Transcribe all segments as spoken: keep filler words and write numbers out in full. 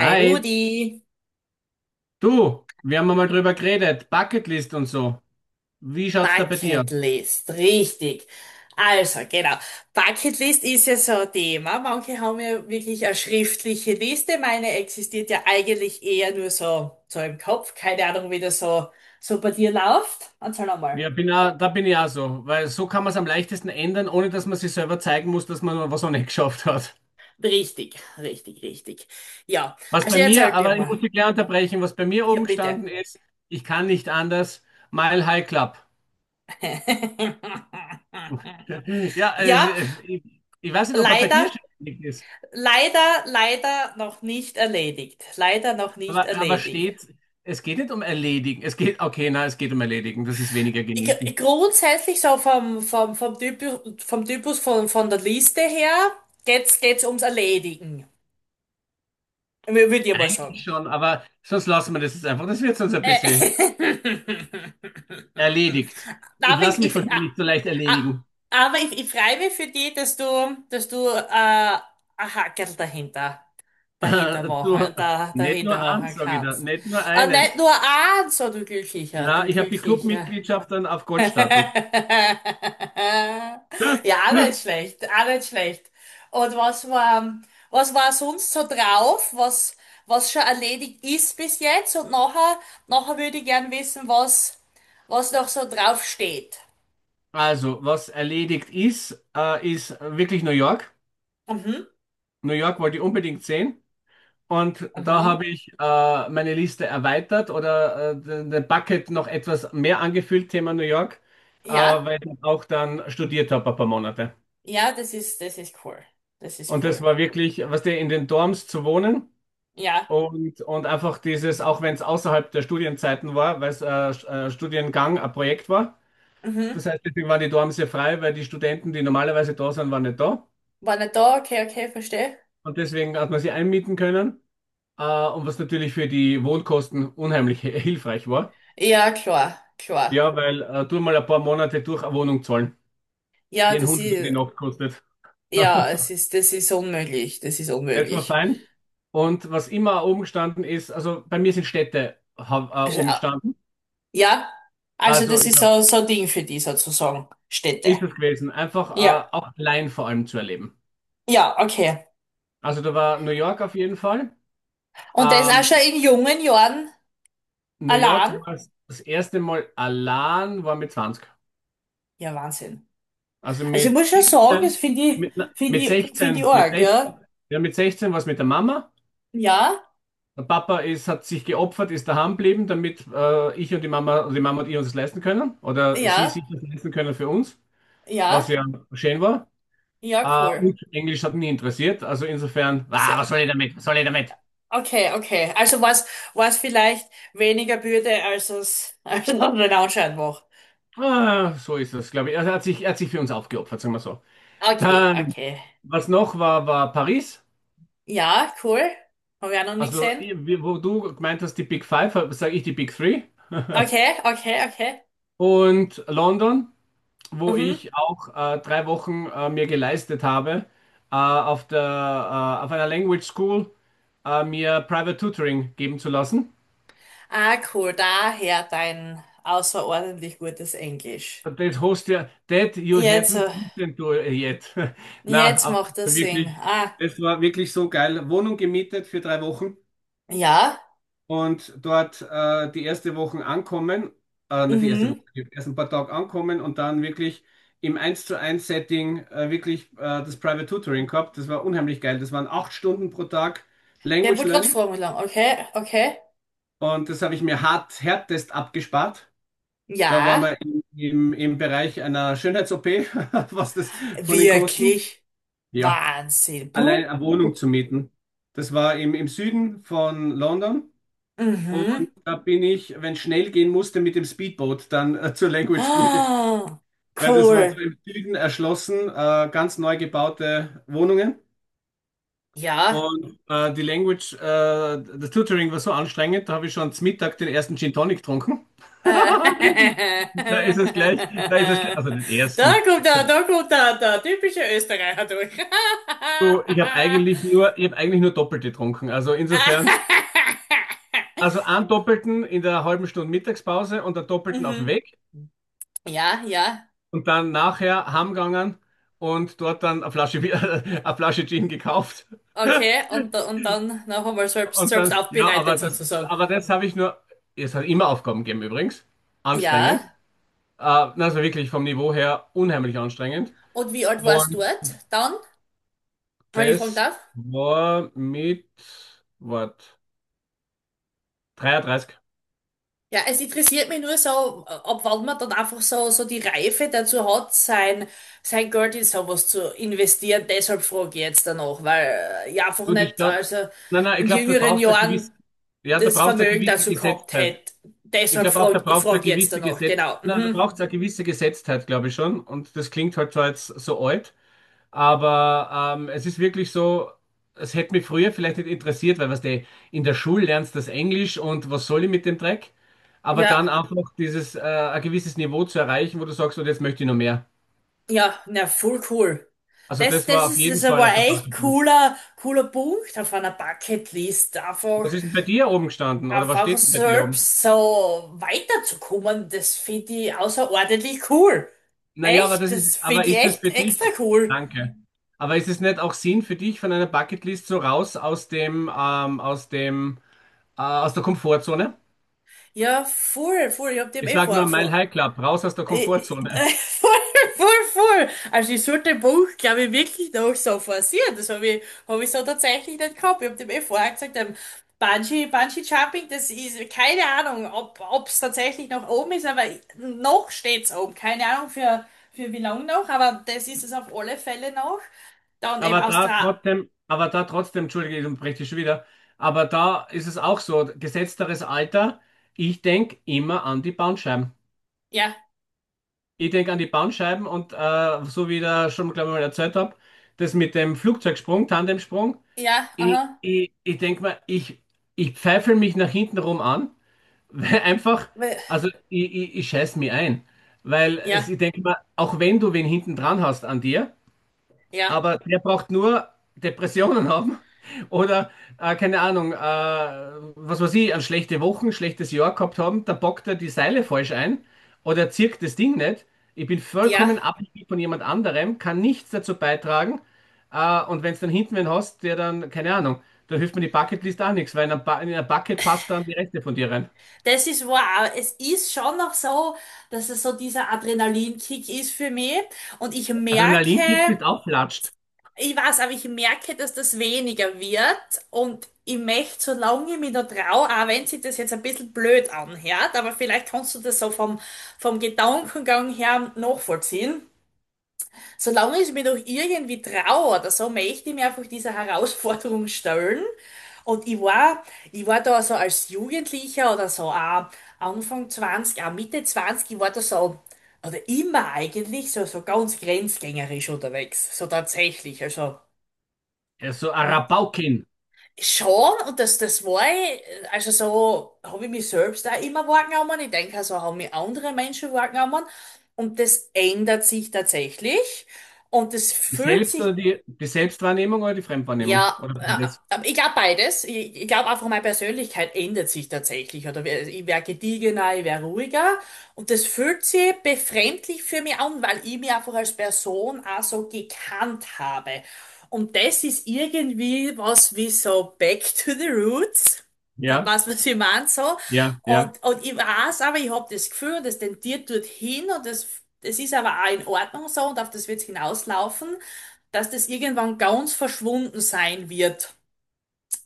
Hi Hi, Rudi, du, wir haben mal drüber geredet, Bucketlist und so. Wie schaut's da bei dir aus? Bucketlist, richtig. Also, genau. Bucketlist ist ja so ein Thema. Manche haben ja wirklich eine schriftliche Liste. Meine existiert ja eigentlich eher nur so, so im Kopf. Keine Ahnung, wie das so, so bei dir läuft. Erzähl nochmal. Ja, bin auch, da bin ich auch so, weil so kann man es am leichtesten ändern, ohne dass man sich selber zeigen muss, dass man was auch nicht geschafft hat. Richtig, richtig, richtig. Ja, Was also bei mir, erzähl dir aber ich mal. muss dich gleich unterbrechen, was bei mir Ja, oben bitte. gestanden ist, ich kann nicht anders, Mile High Club. Ja, also, Ja, ich, ich weiß nicht, ob er bei dir leider, ständig ist, leider, leider noch nicht erledigt. Leider noch nicht aber, aber erledigt. steht, es geht nicht um erledigen, es geht, okay, na, es geht um erledigen, das ist weniger Gr- genießen. Grundsätzlich so vom, vom, vom Typus, vom Typus von, von der Liste her geht's, geht's ums Erledigen. Würde ich mal sagen. Schon, aber sonst lassen wir das jetzt einfach. Das wird sonst ein bisschen Äh, erledigt. Ich Aber lasse mich ich, von ich, dir a- nicht so leicht a- erledigen. aber ich, ich freue mich für dich, dass du, dass du äh, ein Hackerl dahinter, dahinter machen, Du, da, nicht dahinter nur eins, machen sage ich da, kannst. nicht nur Äh, nicht eines. nur eins, so du Glücklicher, Na, du ich habe die Glücklicher. Clubmitgliedschaft dann auf Goldstatus. Ja, auch nicht schlecht, auch nicht schlecht. Und was war, was war sonst so drauf, was, was schon erledigt ist bis jetzt? Und nachher, nachher würde ich gern wissen, was, was noch so drauf steht. Also, was erledigt ist, äh, ist wirklich New York. Mhm, New York wollte ich unbedingt sehen. Und da habe mhm. ich äh, meine Liste erweitert oder äh, den den Bucket noch etwas mehr angefüllt, Thema New York, äh, Ja, weil ich auch dann studiert habe ein paar Monate. ja, das ist, das ist cool. Das ist Und das cool. war wirklich, was der in den Dorms zu wohnen, Ja. und, und einfach dieses, auch wenn es außerhalb der Studienzeiten war, weil es äh, Sch- äh, Studiengang, ein Projekt war. Das Mhm. heißt, deswegen waren die Dorms sehr frei, weil die Studenten, die normalerweise da sind, waren nicht da. War nicht da, okay, okay, verstehe. Und deswegen hat man sie einmieten können. Äh, und was natürlich für die Wohnkosten unheimlich hilfreich war. Ja, klar, klar. Ja, weil äh, tu mal ein paar Monate durch eine Wohnung zahlen, Ja, die ein das Hunderter die ist, Nacht kostet. ja, es ist, das ist unmöglich, das ist Das war unmöglich. fein. Und was immer oben gestanden ist, also bei mir sind Städte ha- äh, Also, oben gestanden. Ja, also Also, das ich ist glaube, so, so ein Ding für die sozusagen, Städte. ist es gewesen. Einfach äh, Ja, auch allein vor allem zu erleben. ja, okay. Also, da war New York auf jeden Fall. Und der ist auch Ähm, schon in jungen Jahren New York allein. war das erste Mal allein, war mit zwanzig. Ja, Wahnsinn. Also Also ich mit muss schon sagen, das siebzehn, finde ich, mit, na, finde mit ich, finde ich sechzehn, mit arg, sechzehn, ja. ja, mit sechzehn war es mit der Mama. Ja, Der Papa ist, hat sich geopfert, ist daheim geblieben, damit äh, ich und die Mama, also die Mama und ich uns das leisten können. Oder sie ja, sich das leisten können für uns, was ja, ja schön war. ja, Äh, cool. und Englisch hat mich nie interessiert. Also insofern, Ist, ah, äh, was soll ich damit? Was soll ich damit? okay, okay. Also was, was vielleicht weniger Bürde, als es, als es den Anschein macht. Ah, so ist das, glaube ich. Also er hat sich, er hat sich für uns aufgeopfert, sagen wir so. Okay, Dann, okay. was noch war, war Paris. Ja, cool. Haben wir auch noch nie Also, gesehen. wie- wo du gemeint hast, die Big Five, sage ich die Big Three. Okay, okay, okay. Und London, wo Mhm. ich auch äh, drei Wochen äh, mir geleistet habe, äh, auf der, äh, auf einer Language School äh, mir Private Tutoring geben zu lassen. Ah, cool, daher dein außerordentlich gutes Englisch. Das hast ja, that you Jetzt, haven't äh, eaten to yet. Na, jetzt aber macht das Sinn. wirklich, Ah, es war wirklich so geil. Wohnung gemietet für drei Wochen ja, und dort äh, die erste Woche ankommen, äh, nicht die erste Woche, mhm. die ersten paar Tage ankommen und dann wirklich im eins zu eins Setting äh, wirklich äh, das Private Tutoring gehabt. Das war unheimlich geil. Das waren acht Stunden pro Tag Ja, ich Language wollte gerade Learning fragen, wie lang. Okay, okay. und das habe ich mir hart, härtest abgespart. Da waren Ja, wir im, im, im Bereich einer Schönheits-O P, was das von den Kosten. wirklich Ja, Wahnsinn. allein Puh. eine Wohnung zu mieten. Das war im, im Süden von London. Und Mhm. da bin ich, wenn es schnell gehen musste, mit dem Speedboot dann äh, zur Language School gefahren. Ah, Weil das waren so cool. im Süden erschlossen, äh, ganz neu gebaute Wohnungen. Ja. Und äh, die Language, äh, das Tutoring war so anstrengend, da habe ich schon zum Mittag den ersten Gin Tonic getrunken. Äh, Da ist es gleich, da ist es gleich, also den Da ersten. kommt er, da kommt er, der typische Österreicher durch. Du, ich habe eigentlich nur, ich habe eigentlich nur doppelt getrunken. Also insofern, also einen doppelten in der halben Stunde Mittagspause und einen doppelten auf dem Mhm. Weg Ja, ja. und dann nachher heimgegangen und dort dann eine Flasche, Bier- eine Flasche Gin gekauft. Okay, und, da- und dann noch einmal selbst, Und selbst dann, ja, aber aufbereitet das, sozusagen. aber das habe ich nur, es hat immer Aufgaben gegeben übrigens. Ja, Anstrengend. Äh, also wirklich vom Niveau her unheimlich anstrengend. und wie alt warst du Und dort dann, wenn ich fragen das darf? war mit, was, dreiunddreißig. Ja, es interessiert mich nur so, ab wann man dann einfach so, so die Reife dazu hat, sein, sein Geld in sowas zu investieren. Deshalb frage ich jetzt danach, weil äh, ich einfach Du, die nicht, Stadt. also Nein, nein, in ich glaube, da jüngeren braucht es eine gewisse, Jahren ja, da das braucht es eine Vermögen gewisse dazu gehabt Gesetztheit. hätte. Ich Deshalb glaube auch, frage da frag ich braucht es frag eine ich jetzt gewisse danach, Gesetz, genau. nein, da Mhm. braucht es eine gewisse Gesetztheit, glaube ich schon. Und das klingt halt zwar jetzt so alt, aber ähm, es ist wirklich so, es hätte mich früher vielleicht nicht interessiert, weil was du in der Schule lernst das Englisch und was soll ich mit dem Dreck? Aber dann Ja. einfach dieses, äh, ein gewisses Niveau zu erreichen, wo du sagst, und jetzt möchte ich noch mehr. Ja, na, voll cool. Also Das, das das war auf ist, das ist jeden Fall einmal auf der echt Bucketlist. cooler, cooler Punkt auf einer Bucketlist. Einfach, Was ist denn bei dir oben gestanden oder was einfach steht denn bei dir oben? selbst so weiterzukommen, das finde ich außerordentlich cool. Naja, aber Echt, das ist, das aber finde ich ist es echt für extra dich? cool. Danke. Aber ist es nicht auch Sinn für dich von einer Bucketlist so raus aus dem, ähm, aus dem, äh, aus der Komfortzone? Ja, voll, voll. Ich hab dem Ich eh sag nur vor, vor, Mile High Club, raus aus der Äh, äh, Komfortzone. Voll, voll, voll. Also ich sollte dem Buch, glaube ich, wirklich noch so forcieren. Das habe ich, hab ich so tatsächlich nicht gehabt. Ich habe dem eh vorher gesagt, ähm, Bungee, Bungee Jumping, das ist keine Ahnung, ob ob es tatsächlich noch oben ist, aber noch steht's oben. Keine Ahnung für, für wie lange noch, aber das ist es auf alle Fälle noch. Dann eben Aber da Australien. trotzdem, aber da trotzdem, entschuldige, ich unterbreche dich schon wieder. Aber da ist es auch so, gesetzteres Alter, ich denke immer an die Bandscheiben. Ja, Ich denke an die Bandscheiben und äh, so wie ich da schon, glaube ich, mal erzählt habe, das mit dem Flugzeugsprung, Tandemsprung. ja, Ich, aha. ich, ich denke mal, ich, ich pfeife mich nach hinten rum an, weil einfach, We- also ich, ich, ich scheiß mich ein. Weil es, Ja, ich denke mal, auch wenn du wen hinten dran hast an dir, ja, aber der braucht nur Depressionen haben oder, äh, keine Ahnung, äh, was weiß ich, an schlechte Wochen, schlechtes Jahr gehabt haben, da bockt er die Seile falsch ein oder zirkt das Ding nicht. Ich bin vollkommen ja. abhängig von jemand anderem, kann nichts dazu beitragen. Äh, und wenn es dann hinten wen hast, der dann, keine Ahnung, da hilft mir die Bucketlist auch nichts, weil in ein, ba in ein Bucket passt dann die Reste von dir rein. Das ist wow. Es ist schon noch so, dass es so dieser Adrenalinkick ist für mich. Und ich merke, Adrenalinkick bist auflatscht. ich weiß, aber ich merke, dass das weniger wird. Und ich möchte, solange ich mich noch traue, auch wenn sich das jetzt ein bisschen blöd anhört, aber vielleicht kannst du das so vom, vom Gedankengang her nachvollziehen. Solange ich mir doch irgendwie traue oder so, möchte ich mir einfach dieser Herausforderung stellen. Und ich war, ich war da so als Jugendlicher oder so, auch Anfang zwanzig, auch Mitte zwanzig, ich war da so, oder immer eigentlich, so, so ganz grenzgängerisch unterwegs. So tatsächlich, also. Ja, so ein Und Rabaukin. schon, und das, das war ich, also so, habe ich mich selbst auch immer wahrgenommen. Ich denke, also haben mich andere Menschen wahrgenommen. Und das ändert sich tatsächlich. Und das Die fühlt Selbst- oder sich. die, die Selbstwahrnehmung oder die Fremdwahrnehmung? Ja, Oder äh, beides. äh, ich glaube beides. Ich, ich glaube einfach, meine Persönlichkeit ändert sich tatsächlich. Oder wer- ich wäre gediegener, ich wäre ruhiger. Und das fühlt sich befremdlich für mich an, weil ich mich einfach als Person auch so gekannt habe. Und das ist irgendwie was wie so back to the roots. Äh, Ja. Weißt du, was ich meine? So. Ja, ja. Und, und ich weiß aber, ich habe das Gefühl, das tendiert dorthin und das, das ist aber auch in Ordnung so und auf das wird es hinauslaufen, dass das irgendwann ganz verschwunden sein wird.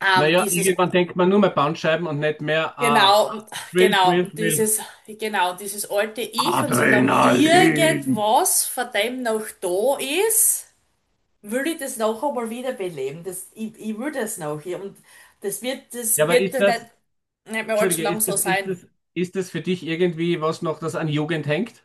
Ähm, Naja, dieses, irgendwann denkt man nur mehr Bandscheiben und nicht mehr ah, genau, Thrill, genau, Thrill, Thrill. dieses, genau, dieses alte Ich und solange Adrenalin. irgendwas von dem noch da ist, will ich das noch einmal wiederbeleben. Das, ich, ich will das noch. Und das wird, Ja, das aber wird ist dann nicht, das, nicht mehr allzu Entschuldige, lang ist so das, ist sein. das, ist das für dich irgendwie was noch, das an Jugend hängt?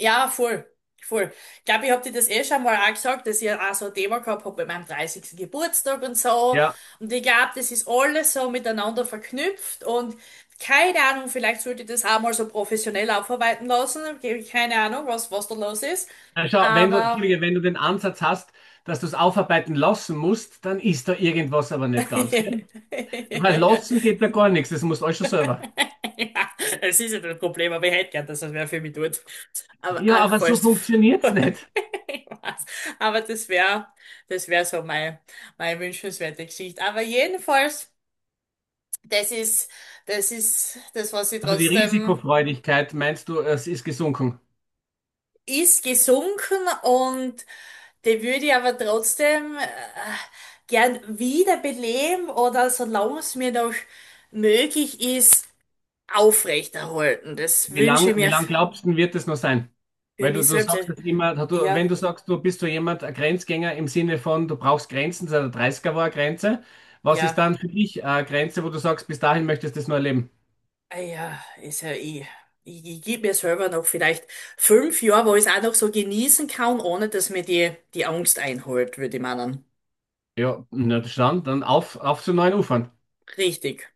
Ja, voll. Voll. Ich glaube, ich habe dir das eh schon mal auch gesagt, dass ich auch so ein Thema gehabt habe bei meinem dreißigsten Geburtstag und so. Ja. Und ich glaube, das ist alles so miteinander verknüpft und keine Ahnung, vielleicht sollte ich das auch mal so professionell aufarbeiten lassen. Keine Ahnung, was, was da los ist. Na schau, wenn du, Aber Entschuldige, wenn du den Ansatz hast, dass du es aufarbeiten lassen musst, dann ist da irgendwas aber nicht ganz, gell? Weil lassen geht da gar nichts, das musst du alles schon selber. Ja, es ist ja das Problem, aber ich hätte gern, dass das wer für mich tut. Aber Ja, ah, aber so falls. funktioniert's nicht. Ich weiß. Aber das wäre, das wäre so mein, meine wünschenswerte Geschichte. Aber jedenfalls, das ist, das ist das, was ich Also die trotzdem Risikofreudigkeit, meinst du, es ist gesunken? ist gesunken und die würde ich aber trotzdem äh, gern wiederbeleben oder solange es mir noch möglich ist, aufrechterhalten. Das Wie wünsche ich lang, mir wie f- lang glaubst du, wird es noch sein? für Weil du, mich du selbst. sagst das immer, du, wenn Ja, du sagst, du bist so jemand, ein Grenzgänger im Sinne von, du brauchst Grenzen, seit der dreißig war eine Grenze. Was ist ja, dann für dich eine Grenze, wo du sagst, bis dahin möchtest du das nur erleben? ah ja, ist ja eh. Ich, ich gebe mir selber noch vielleicht fünf Jahre, wo ich es auch noch so genießen kann, ohne dass mir die, die Angst einholt, würde ich meinen. Ja, na dann, dann auf, auf zu neuen Ufern. Richtig.